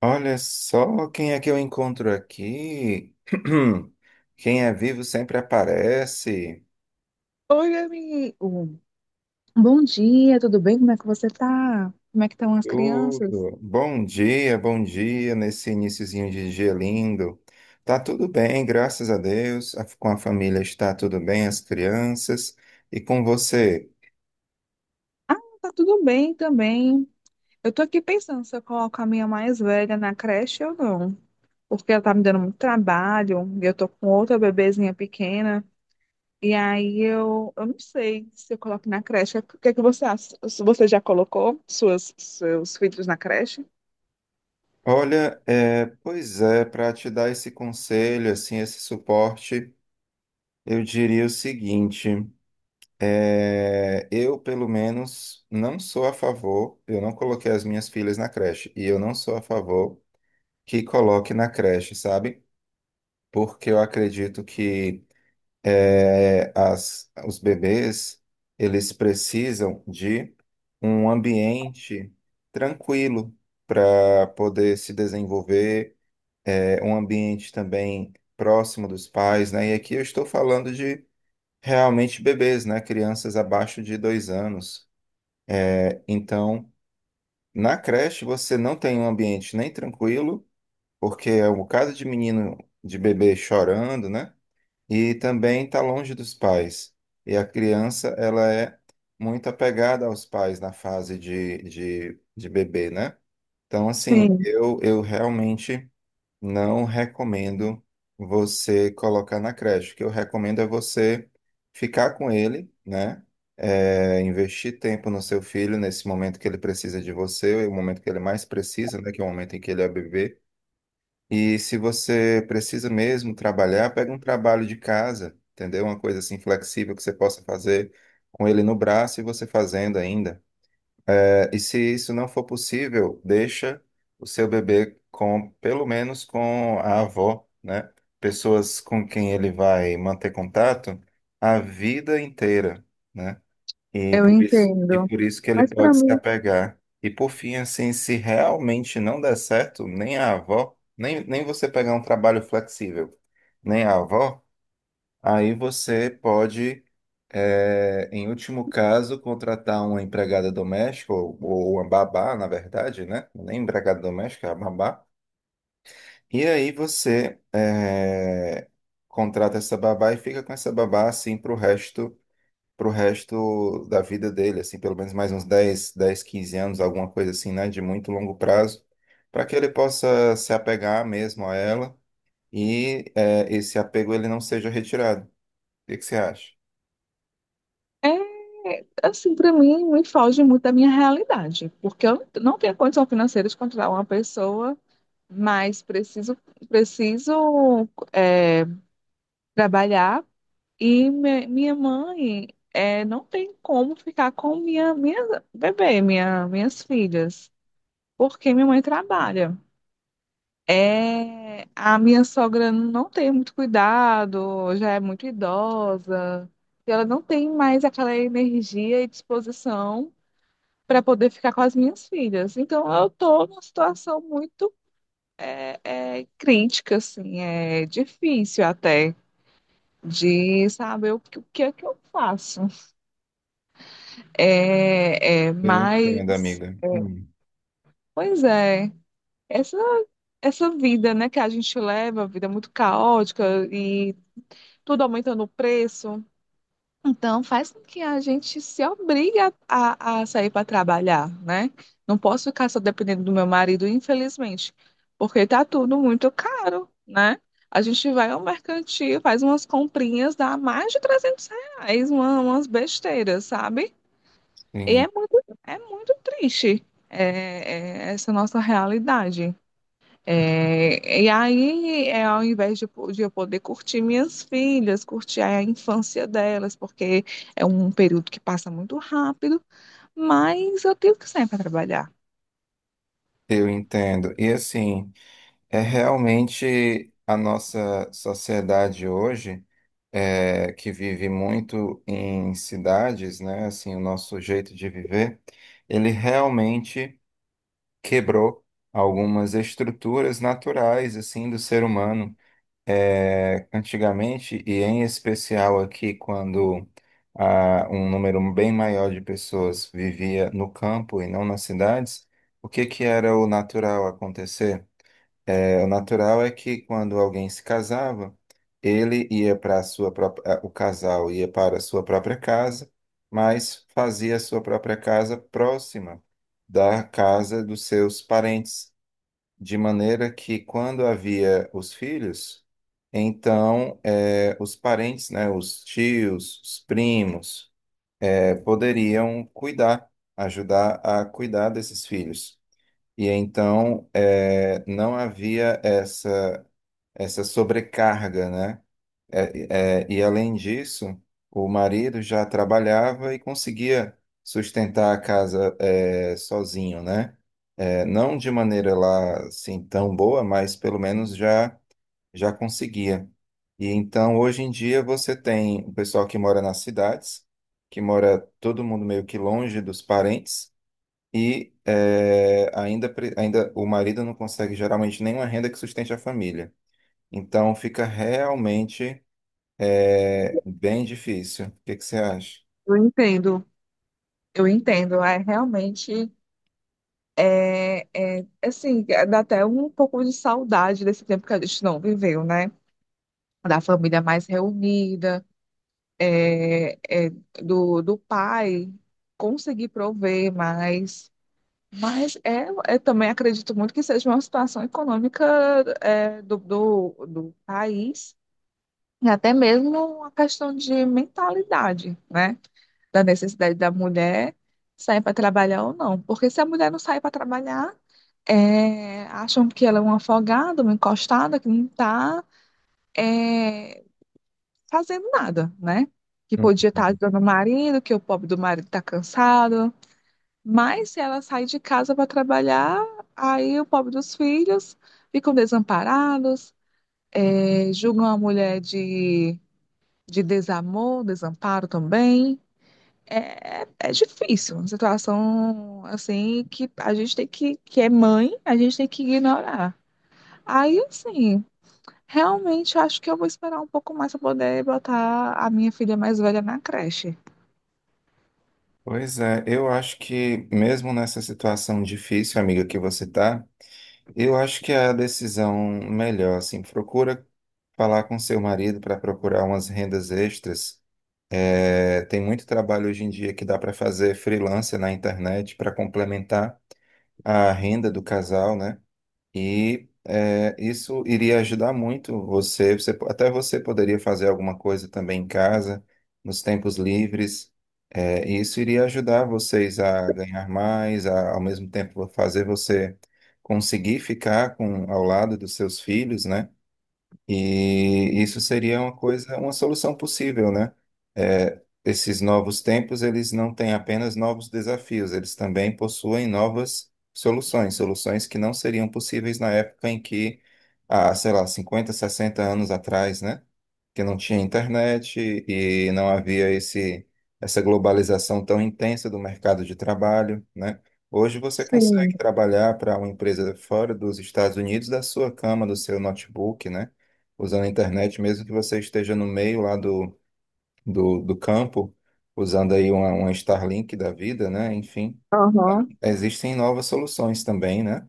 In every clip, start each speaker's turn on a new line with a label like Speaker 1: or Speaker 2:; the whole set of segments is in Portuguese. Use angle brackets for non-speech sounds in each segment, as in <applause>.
Speaker 1: Olha só quem é que eu encontro aqui. <clears throat> Quem é vivo sempre aparece.
Speaker 2: Oi, amigo. Bom dia, tudo bem? Como é que você tá? Como é que estão as crianças?
Speaker 1: Tudo. Bom dia nesse iniciozinho de dia lindo. Tá tudo bem, graças a Deus. Com a família está tudo bem, as crianças. E com você?
Speaker 2: Ah, tá tudo bem também. Eu tô aqui pensando se eu coloco a minha mais velha na creche ou não, porque ela tá me dando muito trabalho, e eu tô com outra bebezinha pequena, e aí eu não sei se eu coloco na creche. O que é que você acha? Você já colocou seus filhos na creche?
Speaker 1: Olha, pois é, para te dar esse conselho, assim, esse suporte, eu diria o seguinte. Pelo menos, não sou a favor, eu não coloquei as minhas filhas na creche, e eu não sou a favor que coloque na creche, sabe? Porque eu acredito que os bebês, eles precisam de um ambiente tranquilo para poder se desenvolver, um ambiente também próximo dos pais, né? E aqui eu estou falando de realmente bebês, né? Crianças abaixo de 2 anos. Então, na creche você não tem um ambiente nem tranquilo, porque é um caso de menino, de bebê chorando, né? E também está longe dos pais. E a criança, ela é muito apegada aos pais na fase de bebê, né? Então, assim,
Speaker 2: Sim,
Speaker 1: eu realmente. Não recomendo você colocar na creche. O que eu recomendo é você ficar com ele, né? É, investir tempo no seu filho nesse momento que ele precisa de você, o momento que ele mais precisa, né? Que é o momento em que ele é bebê. E se você precisa mesmo trabalhar, pega um trabalho de casa, entendeu? Uma coisa assim flexível que você possa fazer com ele no braço e você fazendo ainda. E se isso não for possível, deixa o seu bebê com, pelo menos com a avó, né? Pessoas com quem ele vai manter contato a vida inteira, né?
Speaker 2: eu
Speaker 1: E
Speaker 2: entendo.
Speaker 1: por isso que ele
Speaker 2: Mas para
Speaker 1: pode se
Speaker 2: mim,
Speaker 1: apegar. E por fim, assim, se realmente não der certo, nem a avó, nem você pegar um trabalho flexível, nem a avó, aí você pode, em último caso, contratar uma empregada doméstica, ou uma babá, na verdade, né? Nem empregada doméstica, é a babá. E aí você, contrata essa babá e fica com essa babá, assim, pro resto da vida dele, assim, pelo menos mais uns 10, 15 anos, alguma coisa assim, né? De muito longo prazo, para que ele possa se apegar mesmo a ela e, esse apego ele não seja retirado. O que que você acha?
Speaker 2: é, assim, para mim, me foge muito da minha realidade, porque eu não tenho condição financeira de contratar uma pessoa, mas preciso trabalhar e minha mãe não tem como ficar com minha bebê, minhas filhas, porque minha mãe trabalha. É, a minha sogra não tem muito cuidado, já é muito idosa, e ela não tem mais aquela energia e disposição para poder ficar com as minhas filhas. Então, eu estou numa situação muito crítica, assim, é difícil até de saber o o que é que eu faço. É, é,
Speaker 1: Eu entendo,
Speaker 2: mas,
Speaker 1: amiga.
Speaker 2: pois essa, essa vida, né, que a gente leva, vida muito caótica e tudo aumentando o preço. Então, faz com que a gente se obrigue a sair para trabalhar, né? Não posso ficar só dependendo do meu marido, infelizmente, porque tá tudo muito caro, né? A gente vai ao mercantil, faz umas comprinhas, dá mais de R$ 300, umas besteiras, sabe? E é
Speaker 1: Sim,
Speaker 2: é muito triste, é essa nossa realidade. E aí, é, ao invés de eu poder curtir minhas filhas, curtir a infância delas, porque é um período que passa muito rápido, mas eu tenho que sair para trabalhar.
Speaker 1: eu entendo. E assim, é realmente a nossa sociedade hoje, que vive muito em cidades, né? Assim, o nosso jeito de viver, ele realmente quebrou algumas estruturas naturais, assim, do ser humano. Antigamente, e em especial aqui quando um número bem maior de pessoas vivia no campo e não nas cidades, o que que era o natural acontecer? É, o natural é que quando alguém se casava, ele ia para a sua própria, o casal ia para a sua própria casa, mas fazia a sua própria casa próxima da casa dos seus parentes de maneira que quando havia os filhos, então os parentes, né, os tios, os primos, poderiam cuidar, ajudar a cuidar desses filhos. E então não havia essa sobrecarga, né? E além disso, o marido já trabalhava e conseguia sustentar a casa é, sozinho, né? É, não de maneira lá assim tão boa, mas pelo menos já conseguia. E então hoje em dia você tem o pessoal que mora nas cidades, que mora todo mundo meio que longe dos parentes e ainda ainda o marido não consegue geralmente nenhuma renda que sustente a família. Então fica realmente é bem difícil. O que que você acha?
Speaker 2: Eu entendo. Eu entendo, é realmente, é, assim, dá até um pouco de saudade desse tempo que a gente não viveu, né? Da família mais reunida, é, é, do, do pai conseguir prover mais. Mas é, eu também acredito muito que seja uma situação econômica do país, e até mesmo uma questão de mentalidade, né? Da necessidade da mulher sair para trabalhar ou não. Porque se a mulher não sair para trabalhar, é, acham que ela é uma afogada, uma encostada, que não está fazendo nada, né? Que
Speaker 1: Hum.
Speaker 2: podia estar ajudando o marido, que o pobre do marido está cansado, mas se ela sai de casa para trabalhar, aí o pobre dos filhos ficam desamparados, julgam a mulher de desamor, desamparo também. É, é difícil, uma situação assim que a gente tem que é mãe, a gente tem que ignorar. Aí, assim, realmente acho que eu vou esperar um pouco mais para poder botar a minha filha mais velha na creche.
Speaker 1: Pois é, eu acho que mesmo nessa situação difícil, amiga, que você tá, eu acho que é a decisão melhor, assim, procura falar com seu marido para procurar umas rendas extras. É, tem muito trabalho hoje em dia que dá para fazer freelancer na internet para complementar a renda do casal, né? Isso iria ajudar muito você. Até você poderia fazer alguma coisa também em casa, nos tempos livres. É, e isso iria ajudar vocês a ganhar mais, ao mesmo tempo fazer você conseguir ficar com, ao lado dos seus filhos, né? E isso seria uma coisa, uma solução possível, né? É, esses novos tempos, eles não têm apenas novos desafios, eles também possuem novas soluções, soluções que não seriam possíveis na época em que, há, sei lá, 50, 60 anos atrás, né? Que não tinha internet e não havia essa globalização tão intensa do mercado de trabalho, né? Hoje você
Speaker 2: Sim.
Speaker 1: consegue trabalhar para uma empresa fora dos Estados Unidos da sua cama, do seu notebook, né? Usando a internet, mesmo que você esteja no meio lá do campo, usando aí uma Starlink da vida, né? Enfim,
Speaker 2: Aham.
Speaker 1: existem novas soluções também, né?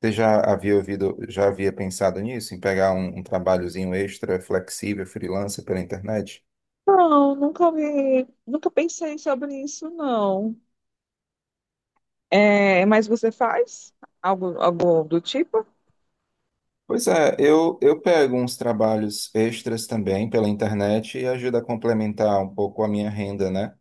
Speaker 1: Você já havia ouvido, já havia pensado nisso, em pegar um trabalhozinho extra, flexível, freelancer pela internet?
Speaker 2: Não, nunca vi, nunca pensei sobre isso, não. É, mas você faz algo do tipo?
Speaker 1: Pois é, eu pego uns trabalhos extras também pela internet e ajuda a complementar um pouco a minha renda, né?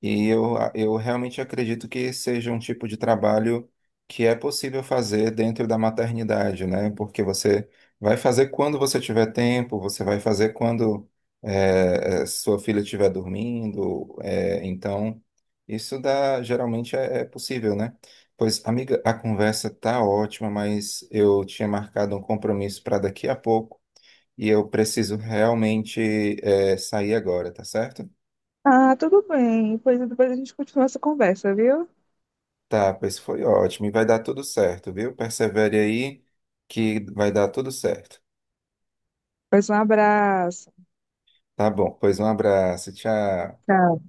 Speaker 1: E eu realmente acredito que seja um tipo de trabalho que é possível fazer dentro da maternidade, né? Porque você vai fazer quando você tiver tempo, você vai fazer quando sua filha estiver dormindo. Então, isso dá, geralmente é possível, né? Pois, amiga, a conversa tá ótima, mas eu tinha marcado um compromisso para daqui a pouco e eu preciso realmente sair agora, tá certo?
Speaker 2: Ah, tudo bem. Pois depois a gente continua essa conversa, viu?
Speaker 1: Tá, pois foi ótimo. E vai dar tudo certo, viu? Persevere aí que vai dar tudo certo.
Speaker 2: Pois um abraço.
Speaker 1: Tá bom, pois um abraço, tchau.
Speaker 2: Tchau.